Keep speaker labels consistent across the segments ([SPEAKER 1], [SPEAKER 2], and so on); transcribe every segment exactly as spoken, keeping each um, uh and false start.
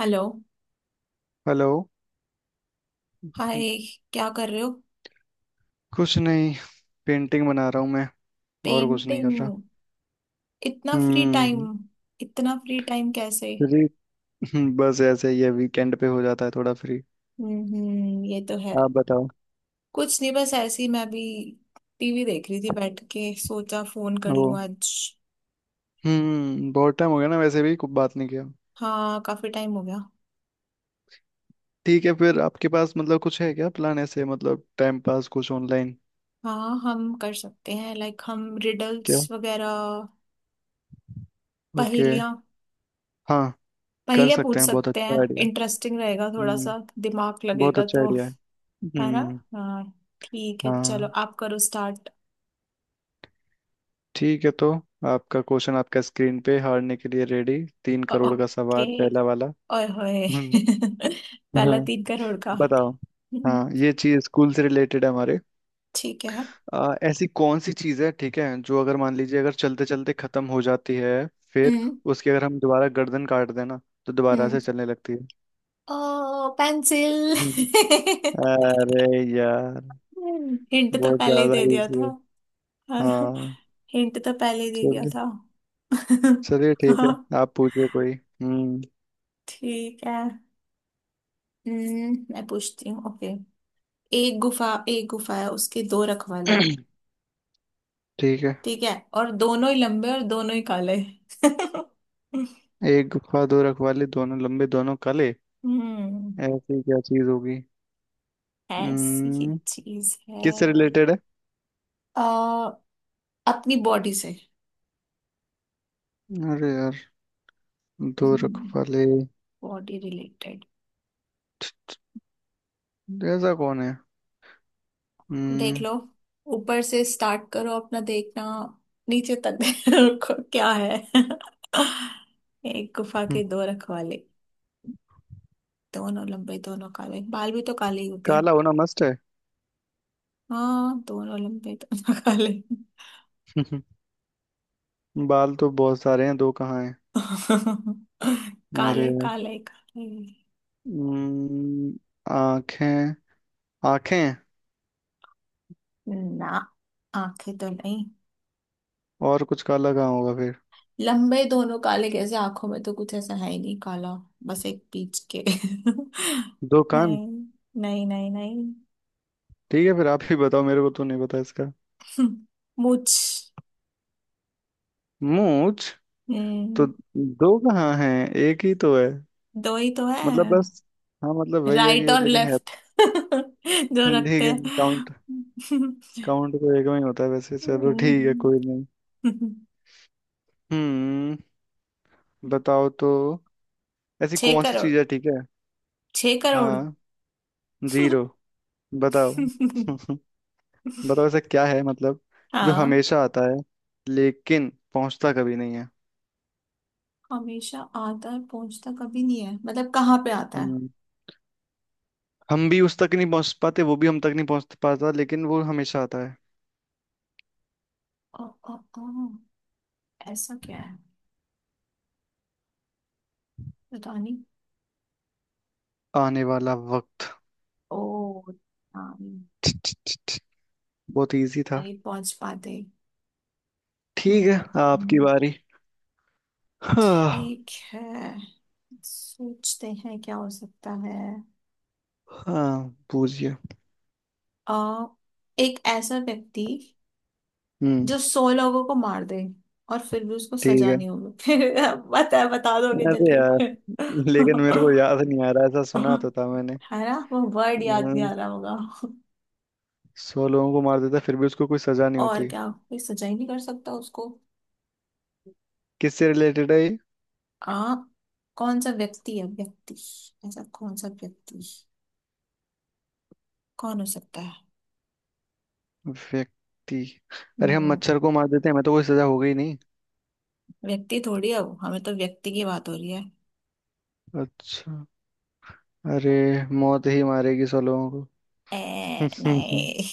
[SPEAKER 1] Hello.
[SPEAKER 2] Hello.
[SPEAKER 1] Hi. क्या कर रहे हो।
[SPEAKER 2] कुछ नहीं, पेंटिंग बना रहा हूँ मैं। और कुछ नहीं कर
[SPEAKER 1] पेंटिंग।
[SPEAKER 2] रहा।
[SPEAKER 1] इतना फ्री टाइम।
[SPEAKER 2] हम्म।
[SPEAKER 1] इतना फ्री टाइम कैसे।
[SPEAKER 2] फ्री। हम्म, बस ऐसे ही है, वीकेंड पे हो जाता है थोड़ा फ्री।
[SPEAKER 1] हम्म हम्म, ये तो है।
[SPEAKER 2] आप बताओ।
[SPEAKER 1] कुछ नहीं बस ऐसे ही मैं भी टीवी देख रही थी, बैठ के सोचा फोन कर
[SPEAKER 2] ओ।
[SPEAKER 1] लूं आज।
[SPEAKER 2] हम्म, बहुत टाइम हो गया ना वैसे भी, कुछ बात नहीं किया।
[SPEAKER 1] हाँ, काफी टाइम हो गया।
[SPEAKER 2] ठीक है, फिर आपके पास मतलब कुछ है क्या प्लान ऐसे, मतलब टाइम पास कुछ ऑनलाइन।
[SPEAKER 1] हाँ हम कर सकते हैं, लाइक हम
[SPEAKER 2] क्या।
[SPEAKER 1] रिडल्स वगैरह,
[SPEAKER 2] ओके।
[SPEAKER 1] पहेलियाँ।
[SPEAKER 2] हाँ, कर
[SPEAKER 1] पहेलियाँ
[SPEAKER 2] सकते
[SPEAKER 1] पूछ
[SPEAKER 2] हैं, बहुत
[SPEAKER 1] सकते हैं,
[SPEAKER 2] अच्छा आइडिया है।
[SPEAKER 1] इंटरेस्टिंग रहेगा थोड़ा
[SPEAKER 2] हम्म।
[SPEAKER 1] सा। दिमाग
[SPEAKER 2] बहुत
[SPEAKER 1] लगेगा
[SPEAKER 2] अच्छा
[SPEAKER 1] तो।
[SPEAKER 2] आइडिया है।
[SPEAKER 1] है ना।
[SPEAKER 2] हम्म।
[SPEAKER 1] हाँ। ठीक है चलो
[SPEAKER 2] हाँ।
[SPEAKER 1] आप करो स्टार्ट।
[SPEAKER 2] ठीक है, तो आपका क्वेश्चन आपका स्क्रीन पे हारने के लिए रेडी। तीन करोड़ का
[SPEAKER 1] ओके।
[SPEAKER 2] सवाल पहला वाला।
[SPEAKER 1] ओए होए।
[SPEAKER 2] हम्म। हाँ,
[SPEAKER 1] पहला तीन करोड़ का।
[SPEAKER 2] बताओ।
[SPEAKER 1] हम्म,
[SPEAKER 2] हाँ, ये चीज स्कूल से रिलेटेड है हमारे।
[SPEAKER 1] ठीक है।
[SPEAKER 2] आ, ऐसी कौन सी चीज है, ठीक है, जो अगर मान लीजिए, अगर चलते चलते खत्म हो जाती है, फिर
[SPEAKER 1] हम्म
[SPEAKER 2] उसकी अगर हम दोबारा गर्दन काट देना तो दोबारा
[SPEAKER 1] हम्म।
[SPEAKER 2] से चलने लगती है।
[SPEAKER 1] ओ पेंसिल।
[SPEAKER 2] हम्म। अरे यार,
[SPEAKER 1] हिंट तो
[SPEAKER 2] बहुत
[SPEAKER 1] पहले ही
[SPEAKER 2] ज्यादा
[SPEAKER 1] दे दिया
[SPEAKER 2] इजी
[SPEAKER 1] था।
[SPEAKER 2] है।
[SPEAKER 1] हाँ।
[SPEAKER 2] हाँ।
[SPEAKER 1] हिंट तो पहले ही दे दिया
[SPEAKER 2] चलिए।
[SPEAKER 1] था।
[SPEAKER 2] चलिए ठीक है,
[SPEAKER 1] हाँ।
[SPEAKER 2] आप पूछिए कोई। हम्म।
[SPEAKER 1] ठीक है। हम्म, मैं पूछती हूँ। ओके। एक गुफा, एक गुफा है, उसके दो रखवाले।
[SPEAKER 2] ठीक है।
[SPEAKER 1] ठीक है, और दोनों ही लंबे और दोनों ही काले।
[SPEAKER 2] एक गुफा, दो रखवाले, दोनों लंबे दोनों काले।
[SPEAKER 1] हम्म।
[SPEAKER 2] ऐसी क्या चीज होगी।
[SPEAKER 1] ऐसी
[SPEAKER 2] हम्म,
[SPEAKER 1] चीज है।
[SPEAKER 2] किससे रिलेटेड है।
[SPEAKER 1] अ, अपनी बॉडी से।
[SPEAKER 2] अरे यार, दो रखवाले।
[SPEAKER 1] Body related.
[SPEAKER 2] ऐसा कौन है।
[SPEAKER 1] देख
[SPEAKER 2] हम्म।
[SPEAKER 1] लो, ऊपर से स्टार्ट करो अपना, देखना नीचे तक। देखो क्या है। एक गुफा
[SPEAKER 2] हम्म,
[SPEAKER 1] के दो रखवाले, दोनों लंबे दोनों काले, बाल भी तो काले ही होते हैं।
[SPEAKER 2] काला होना मस्त है।
[SPEAKER 1] हाँ दोनों लंबे दोनों काले।
[SPEAKER 2] बाल तो बहुत सारे हैं, दो कहाँ हैं। अरे
[SPEAKER 1] काले
[SPEAKER 2] यार।
[SPEAKER 1] काले काले।
[SPEAKER 2] हम्म, आंखें। आंखें हैं,
[SPEAKER 1] ना आंखें तो नहीं।
[SPEAKER 2] और कुछ काला कहाँ होगा फिर।
[SPEAKER 1] लंबे दोनों काले कैसे, आंखों में तो कुछ ऐसा है ही नहीं काला। बस एक पीच के
[SPEAKER 2] दो कान।
[SPEAKER 1] नहीं। नहीं नहीं नहीं।
[SPEAKER 2] ठीक है, फिर आप ही बताओ, मेरे को तो नहीं पता इसका।
[SPEAKER 1] मुझ।
[SPEAKER 2] मूंछ, तो
[SPEAKER 1] हम्म,
[SPEAKER 2] दो कहाँ हैं, एक ही तो है।
[SPEAKER 1] दो ही तो है।
[SPEAKER 2] मतलब बस। हाँ मतलब वही है
[SPEAKER 1] राइट
[SPEAKER 2] कि
[SPEAKER 1] और
[SPEAKER 2] लेकिन है।
[SPEAKER 1] लेफ्ट जो रखते
[SPEAKER 2] ठीक है।
[SPEAKER 1] हैं।
[SPEAKER 2] काउंट। काउंट तो एक में ही होता है, वैसे चलो ठीक है,
[SPEAKER 1] हम्म,
[SPEAKER 2] कोई नहीं। हम्म, बताओ तो। ऐसी
[SPEAKER 1] छह
[SPEAKER 2] कौन सी
[SPEAKER 1] करोड़
[SPEAKER 2] चीज है, ठीक है।
[SPEAKER 1] छह करोड़।
[SPEAKER 2] हाँ। जीरो। बताओ। बताओ ऐसा क्या है मतलब, जो
[SPEAKER 1] हाँ।
[SPEAKER 2] हमेशा आता है लेकिन पहुंचता कभी नहीं है।
[SPEAKER 1] हमेशा आता है पहुंचता कभी नहीं है मतलब कहाँ पे आता है।
[SPEAKER 2] हम्म, हम भी उस तक नहीं पहुंच पाते, वो भी हम तक नहीं पहुंच पाता, लेकिन वो हमेशा आता है।
[SPEAKER 1] ओ, ओ, ओ, ऐसा क्या है, पता नहीं।
[SPEAKER 2] आने वाला वक्त।
[SPEAKER 1] ओ नानी।
[SPEAKER 2] छ, छ, छ, छ, बहुत इजी था।
[SPEAKER 1] नहीं पहुंच पाते।
[SPEAKER 2] ठीक है,
[SPEAKER 1] हम्म,
[SPEAKER 2] आपकी
[SPEAKER 1] हम्म,
[SPEAKER 2] बारी। हाँ।
[SPEAKER 1] ठीक है। सोचते हैं क्या हो सकता है।
[SPEAKER 2] हाँ पूछिए।
[SPEAKER 1] आ, एक ऐसा व्यक्ति
[SPEAKER 2] हम्म।
[SPEAKER 1] जो सौ लोगों को मार दे और फिर भी उसको
[SPEAKER 2] ठीक
[SPEAKER 1] सजा
[SPEAKER 2] है।
[SPEAKER 1] नहीं होगी। फिर बता बता दोगे
[SPEAKER 2] अरे
[SPEAKER 1] जल्दी।
[SPEAKER 2] यार, लेकिन मेरे को याद नहीं आ रहा, ऐसा सुना तो था मैंने।
[SPEAKER 1] है ना, वो वर्ड याद नहीं
[SPEAKER 2] हम्म,
[SPEAKER 1] आ रहा होगा।
[SPEAKER 2] सौ लोगों को मार देता है फिर भी उसको कोई सजा नहीं
[SPEAKER 1] और
[SPEAKER 2] होती।
[SPEAKER 1] क्या कोई सजा ही नहीं कर सकता उसको।
[SPEAKER 2] किससे रिलेटेड है ये।
[SPEAKER 1] आ कौन सा व्यक्ति है, व्यक्ति। ऐसा कौन सा व्यक्ति। कौन हो सकता है।
[SPEAKER 2] व्यक्ति। अरे, हम
[SPEAKER 1] हम्म।
[SPEAKER 2] मच्छर को मार देते हैं, हमें तो कोई सजा हो गई नहीं।
[SPEAKER 1] व्यक्ति थोड़ी है वो, हमें तो व्यक्ति की बात हो रही है।
[SPEAKER 2] अच्छा। अरे, मौत ही मारेगी सौ लोगों
[SPEAKER 1] ए
[SPEAKER 2] को।
[SPEAKER 1] नहीं।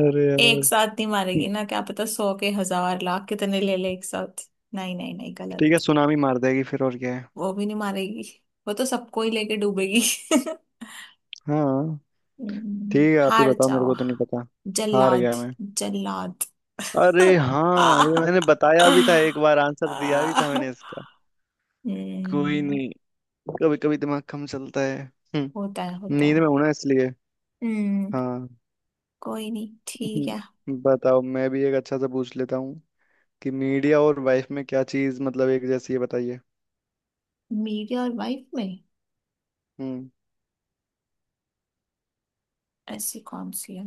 [SPEAKER 2] अरे
[SPEAKER 1] एक
[SPEAKER 2] यार।
[SPEAKER 1] साथ नहीं मारेगी ना, क्या पता सौ के हजार लाख कितने ले ले एक साथ। नहीं नहीं नहीं
[SPEAKER 2] ठीक है,
[SPEAKER 1] गलत।
[SPEAKER 2] सुनामी मार देगी, फिर और क्या है।
[SPEAKER 1] वो भी नहीं मारेगी। वो तो सबको ही लेके डूबेगी।
[SPEAKER 2] हाँ।
[SPEAKER 1] हम्म,
[SPEAKER 2] ठीक है, आप ही
[SPEAKER 1] हार
[SPEAKER 2] बताओ, मेरे
[SPEAKER 1] जाओ।
[SPEAKER 2] को तो नहीं पता। हार
[SPEAKER 1] जल्लाद।
[SPEAKER 2] गया मैं।
[SPEAKER 1] जल्लाद।
[SPEAKER 2] अरे हाँ,
[SPEAKER 1] आ,
[SPEAKER 2] ये मैंने बताया भी था एक बार,
[SPEAKER 1] आ,
[SPEAKER 2] आंसर दिया भी था मैंने इसका। कोई
[SPEAKER 1] हम्म।
[SPEAKER 2] नहीं, कभी कभी दिमाग कम चलता है। हम्म,
[SPEAKER 1] होता है होता
[SPEAKER 2] नींद
[SPEAKER 1] है।
[SPEAKER 2] में हूं ना, इसलिए।
[SPEAKER 1] हम्म।
[SPEAKER 2] हाँ।
[SPEAKER 1] कोई नहीं, ठीक है।
[SPEAKER 2] हम्म, बताओ, मैं भी एक अच्छा सा पूछ लेता हूँ, कि मीडिया और वाइफ में क्या चीज मतलब एक जैसी है, बताइए।
[SPEAKER 1] मेरी और वाइफ में
[SPEAKER 2] हम्म।
[SPEAKER 1] ऐसी कौन सी है।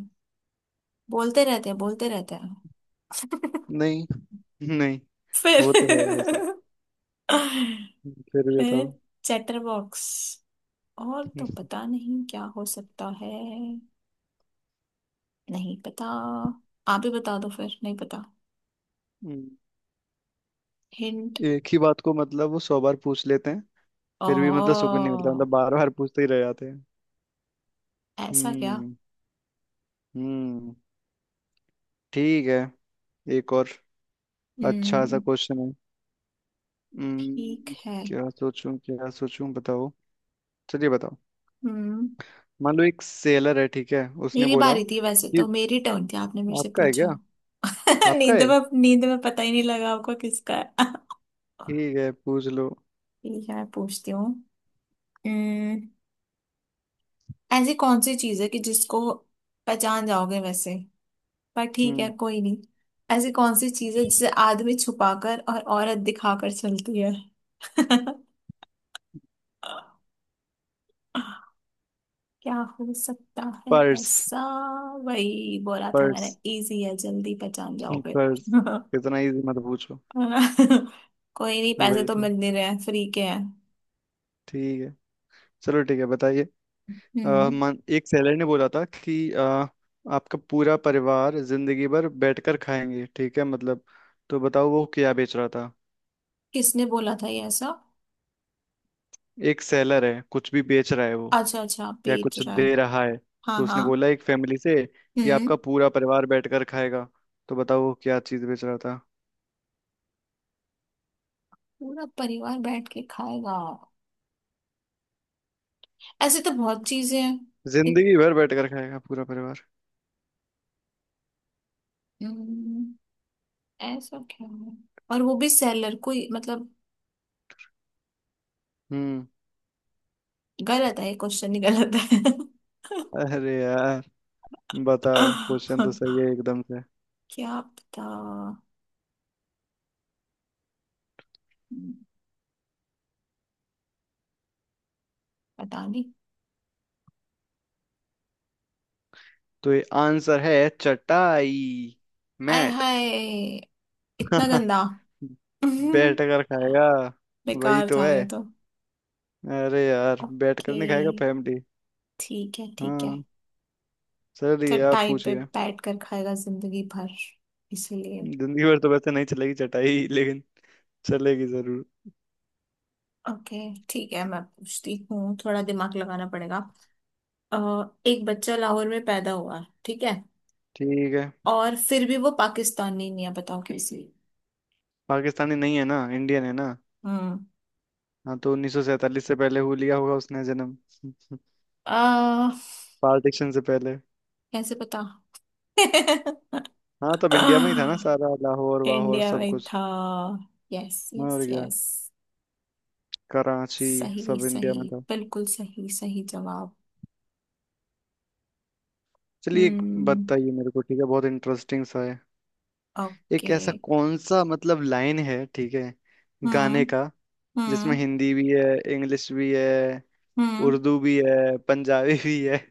[SPEAKER 1] बोलते रहते हैं बोलते रहते हैं।
[SPEAKER 2] नहीं। नहीं।
[SPEAKER 1] फिर।
[SPEAKER 2] वो तो है वैसे। हम्म, फिर भी बताओ।
[SPEAKER 1] फिर चैटर बॉक्स, और तो पता नहीं क्या हो सकता है। नहीं पता। आप ही बता दो फिर, नहीं पता।
[SPEAKER 2] हम्म,
[SPEAKER 1] हिंट।
[SPEAKER 2] एक ही बात को मतलब वो सौ बार पूछ लेते हैं,
[SPEAKER 1] ओ
[SPEAKER 2] फिर भी मतलब सुकून नहीं मिलता, मतलब बार बार पूछते ही रह जाते हैं।
[SPEAKER 1] ऐसा क्या।
[SPEAKER 2] हम्म। हम्म। ठीक है। एक और अच्छा सा
[SPEAKER 1] हम्म,
[SPEAKER 2] क्वेश्चन है।
[SPEAKER 1] ठीक
[SPEAKER 2] हम्म।
[SPEAKER 1] है।
[SPEAKER 2] क्या सोचूं क्या सोचूं, बताओ। चलिए बताओ।
[SPEAKER 1] हम्म।
[SPEAKER 2] मान लो एक सेलर है, ठीक है, उसने
[SPEAKER 1] मेरी
[SPEAKER 2] बोला
[SPEAKER 1] बारी थी वैसे
[SPEAKER 2] कि
[SPEAKER 1] तो, मेरी टर्न थी, आपने मेरे से
[SPEAKER 2] आपका है
[SPEAKER 1] पूछा।
[SPEAKER 2] क्या। आपका
[SPEAKER 1] नींद
[SPEAKER 2] है।
[SPEAKER 1] में, नींद में पता ही नहीं लगा आपको किसका है।
[SPEAKER 2] ठीक है, पूछ लो।
[SPEAKER 1] ठीक है, मैं पूछती हूँ। हम्म, ऐसी कौन सी चीज है कि जिसको पहचान जाओगे वैसे, पर ठीक है
[SPEAKER 2] हम्म।
[SPEAKER 1] कोई नहीं। ऐसी कौन सी चीज है जिसे आदमी छुपाकर और औरत दिखाकर चलती है। क्या हो सकता है
[SPEAKER 2] पर्स।
[SPEAKER 1] ऐसा। वही बोला था मैंने,
[SPEAKER 2] पर्स।
[SPEAKER 1] इजी है जल्दी पहचान जाओगे।
[SPEAKER 2] पर्स, इतना इजी मत पूछो।
[SPEAKER 1] कोई नहीं, पैसे
[SPEAKER 2] वही
[SPEAKER 1] तो
[SPEAKER 2] तो।
[SPEAKER 1] मिल नहीं रहे हैं फ्री के हैं।
[SPEAKER 2] ठीक है। चलो ठीक है, बताइए। अ,
[SPEAKER 1] हम्म।
[SPEAKER 2] मन एक सेलर ने बोला था कि अ, आपका पूरा परिवार जिंदगी भर बैठकर खाएंगे, ठीक है, मतलब, तो बताओ वो क्या बेच रहा था।
[SPEAKER 1] किसने बोला था ये ऐसा।
[SPEAKER 2] एक सेलर है कुछ भी बेच रहा है वो,
[SPEAKER 1] अच्छा, अच्छा
[SPEAKER 2] या
[SPEAKER 1] बेच
[SPEAKER 2] कुछ
[SPEAKER 1] रहा है।
[SPEAKER 2] दे रहा है।
[SPEAKER 1] हाँ
[SPEAKER 2] तो उसने
[SPEAKER 1] हाँ।
[SPEAKER 2] बोला एक फैमिली से कि
[SPEAKER 1] हम्म।
[SPEAKER 2] आपका पूरा परिवार बैठकर खाएगा, तो बताओ वो क्या चीज बेच रहा था।
[SPEAKER 1] पूरा परिवार बैठ के खाएगा। ऐसे तो बहुत चीजें हैं। इत-
[SPEAKER 2] जिंदगी भर बैठकर खाएगा पूरा परिवार।
[SPEAKER 1] हम्म, ऐसा क्या है। और वो भी सेलर कोई, मतलब
[SPEAKER 2] हम्म।
[SPEAKER 1] गलत है, ये क्वेश्चन ही गलत है।
[SPEAKER 2] अरे यार, बताओ। क्वेश्चन तो सही है एकदम से।
[SPEAKER 1] क्या पता। हम्म, पता नहीं।
[SPEAKER 2] तो ये आंसर है चटाई।
[SPEAKER 1] आय
[SPEAKER 2] मैट।
[SPEAKER 1] हाय, इतना गंदा।
[SPEAKER 2] बैठ कर खाएगा। वही
[SPEAKER 1] बेकार
[SPEAKER 2] तो
[SPEAKER 1] था
[SPEAKER 2] है।
[SPEAKER 1] ये तो।
[SPEAKER 2] अरे यार, बैठ कर
[SPEAKER 1] ओके,
[SPEAKER 2] नहीं खाएगा फैमिली।
[SPEAKER 1] ठीक है, ठीक है।
[SPEAKER 2] हाँ। चलिए आप
[SPEAKER 1] चटाई पे
[SPEAKER 2] पूछिए।
[SPEAKER 1] बैठ कर खाएगा जिंदगी भर, इसलिए।
[SPEAKER 2] जिंदगी भर तो वैसे नहीं चलेगी चटाई लेकिन चलेगी जरूर।
[SPEAKER 1] ओके, ठीक है मैं पूछती हूँ, थोड़ा दिमाग लगाना पड़ेगा। अ, एक बच्चा लाहौर में पैदा हुआ, ठीक है,
[SPEAKER 2] ठीक है।
[SPEAKER 1] और फिर भी वो पाकिस्तानी नहीं है, बताओ कैसे।
[SPEAKER 2] पाकिस्तानी नहीं है ना, इंडियन है ना।
[SPEAKER 1] हम्म।
[SPEAKER 2] हाँ, तो उन्नीस सौ सैंतालीस से पहले हो लिया होगा उसने जन्म।
[SPEAKER 1] आ,
[SPEAKER 2] पार्टीशन से पहले।
[SPEAKER 1] कैसे पता।
[SPEAKER 2] हाँ, तब इंडिया में ही था ना सारा, लाहौर वाहौर
[SPEAKER 1] इंडिया
[SPEAKER 2] सब
[SPEAKER 1] में
[SPEAKER 2] कुछ।
[SPEAKER 1] था। यस यस
[SPEAKER 2] और क्या।
[SPEAKER 1] यस।
[SPEAKER 2] कराची,
[SPEAKER 1] सही
[SPEAKER 2] सब इंडिया
[SPEAKER 1] सही।
[SPEAKER 2] में था।
[SPEAKER 1] बिल्कुल सही सही जवाब।
[SPEAKER 2] चलिए एक
[SPEAKER 1] हम्म।
[SPEAKER 2] बताइए मेरे को, ठीक है, बहुत इंटरेस्टिंग सा है। एक
[SPEAKER 1] ओके।
[SPEAKER 2] ऐसा कौन सा मतलब लाइन है, ठीक है,
[SPEAKER 1] हम्म
[SPEAKER 2] गाने का, जिसमें
[SPEAKER 1] हम्म
[SPEAKER 2] हिंदी भी है, इंग्लिश भी है,
[SPEAKER 1] हम्म।
[SPEAKER 2] उर्दू भी है, पंजाबी भी है।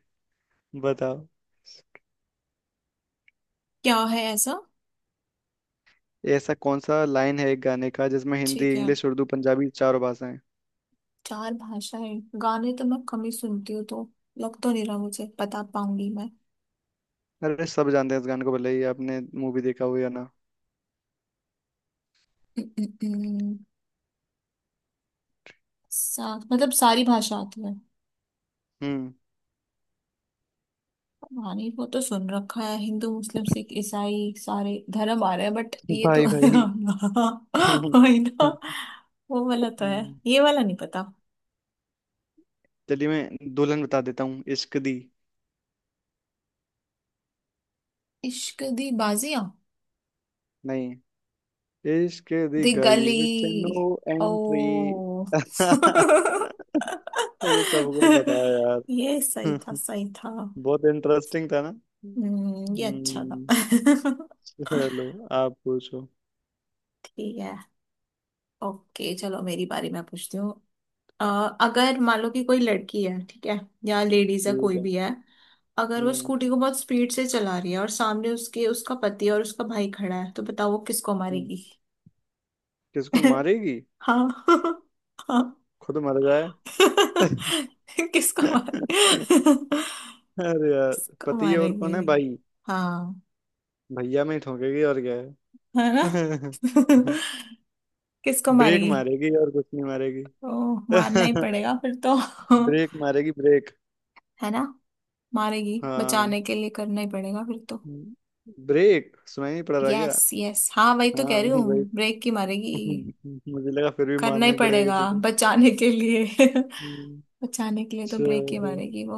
[SPEAKER 2] बताओ
[SPEAKER 1] क्या है ऐसा।
[SPEAKER 2] ऐसा कौन सा लाइन है एक गाने का जिसमें हिंदी,
[SPEAKER 1] ठीक है,
[SPEAKER 2] इंग्लिश, उर्दू, पंजाबी चारों भाषाएं।
[SPEAKER 1] चार भाषाएं गाने तो मैं कम ही सुनती हूँ तो लग तो नहीं रहा मुझे बता पाऊंगी।
[SPEAKER 2] अरे सब जानते हैं इस गाने को, भले ही आपने मूवी देखा हो या ना।
[SPEAKER 1] मैं सा, मतलब सारी भाषा आती है,
[SPEAKER 2] हम्म।
[SPEAKER 1] पता नहीं। वो तो सुन रखा है हिंदू मुस्लिम सिख ईसाई सारे धर्म आ रहे हैं, बट ये तो
[SPEAKER 2] भाई भाई।
[SPEAKER 1] वही ना। वो वाला तो है,
[SPEAKER 2] हम्म,
[SPEAKER 1] ये वाला नहीं पता।
[SPEAKER 2] चलिए मैं दुल्हन बता देता हूँ, इश्क दी।
[SPEAKER 1] इश्क दी बाजियां।
[SPEAKER 2] नहीं। इश्क दी
[SPEAKER 1] दी
[SPEAKER 2] गली
[SPEAKER 1] गली।
[SPEAKER 2] Which no entry.
[SPEAKER 1] ओ।
[SPEAKER 2] ये तो सबको पता है यार।
[SPEAKER 1] ये सही था सही था।
[SPEAKER 2] बहुत इंटरेस्टिंग था ना।
[SPEAKER 1] हम्म, ये अच्छा था।
[SPEAKER 2] हम्म। चलो आप पूछो।
[SPEAKER 1] ठीक है। ओके चलो, मेरी बारी, मैं पूछती हूँ। अ, अगर मान लो कि कोई लड़की है, ठीक है, या लेडीज है
[SPEAKER 2] ठीक
[SPEAKER 1] कोई
[SPEAKER 2] है।
[SPEAKER 1] भी है, अगर वो
[SPEAKER 2] हम्म।
[SPEAKER 1] स्कूटी को बहुत स्पीड से चला रही है और सामने उसके उसका पति और उसका भाई खड़ा है तो बताओ वो किसको
[SPEAKER 2] हम्म।
[SPEAKER 1] मारेगी।
[SPEAKER 2] किसको मारेगी।
[SPEAKER 1] हाँ। हाँ।
[SPEAKER 2] खुद मर जाए।
[SPEAKER 1] किसको मारे।
[SPEAKER 2] अरे यार,
[SPEAKER 1] किसको
[SPEAKER 2] पति है और
[SPEAKER 1] मारेगी।
[SPEAKER 2] कौन है, भाई।
[SPEAKER 1] हाँ,
[SPEAKER 2] भैया में ही ठोकेगी और क्या।
[SPEAKER 1] है ना।
[SPEAKER 2] है।
[SPEAKER 1] किसको
[SPEAKER 2] ब्रेक
[SPEAKER 1] मारेगी।
[SPEAKER 2] मारेगी, और कुछ नहीं मारेगी।
[SPEAKER 1] तो मारना ही पड़ेगा फिर तो।
[SPEAKER 2] ब्रेक मारेगी, ब्रेक।
[SPEAKER 1] है ना। मारेगी,
[SPEAKER 2] हाँ।
[SPEAKER 1] बचाने के लिए करना ही पड़ेगा फिर तो।
[SPEAKER 2] ब्रेक सुनाई नहीं पड़ रहा क्या।
[SPEAKER 1] Yes yes. हाँ वही तो
[SPEAKER 2] हाँ
[SPEAKER 1] कह रही हूँ,
[SPEAKER 2] वही।
[SPEAKER 1] ब्रेक की मारेगी।
[SPEAKER 2] मुझे लगा फिर भी
[SPEAKER 1] करना
[SPEAKER 2] मारना
[SPEAKER 1] ही
[SPEAKER 2] ही पड़ेगा
[SPEAKER 1] पड़ेगा
[SPEAKER 2] किसी को।
[SPEAKER 1] बचाने के लिए।
[SPEAKER 2] हम्म,
[SPEAKER 1] बचाने के लिए तो ब्रेक ही
[SPEAKER 2] चलो।
[SPEAKER 1] मारेगी वो।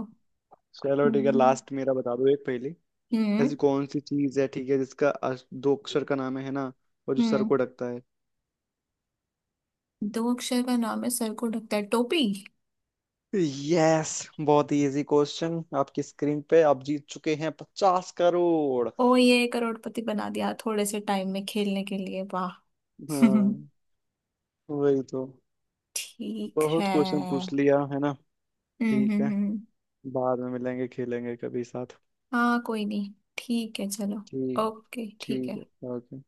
[SPEAKER 2] चलो ठीक है,
[SPEAKER 1] हम्म
[SPEAKER 2] लास्ट मेरा बता दो एक पहली।
[SPEAKER 1] हम्म
[SPEAKER 2] ऐसी कौन सी चीज है, ठीक है, जिसका अस- दो अक्षर का नाम है ना, और जो सर
[SPEAKER 1] हम्म।
[SPEAKER 2] को ढकता है।
[SPEAKER 1] दो अक्षर का नाम है, सर को ढकता है, टोपी।
[SPEAKER 2] यस। बहुत ही इजी क्वेश्चन। आपकी स्क्रीन पे आप जीत चुके हैं पचास करोड़।
[SPEAKER 1] ओ ये करोड़पति बना दिया थोड़े से टाइम में खेलने के लिए, वाह।
[SPEAKER 2] हाँ वही तो।
[SPEAKER 1] ठीक है।
[SPEAKER 2] बहुत क्वेश्चन पूछ
[SPEAKER 1] हम्म
[SPEAKER 2] लिया है ना।
[SPEAKER 1] हम्म
[SPEAKER 2] ठीक है।
[SPEAKER 1] हम्म।
[SPEAKER 2] बाद में मिलेंगे, खेलेंगे कभी साथ।
[SPEAKER 1] हाँ कोई नहीं, ठीक है चलो।
[SPEAKER 2] ठीक।
[SPEAKER 1] ओके ठीक
[SPEAKER 2] ठीक
[SPEAKER 1] है।
[SPEAKER 2] है, ओके।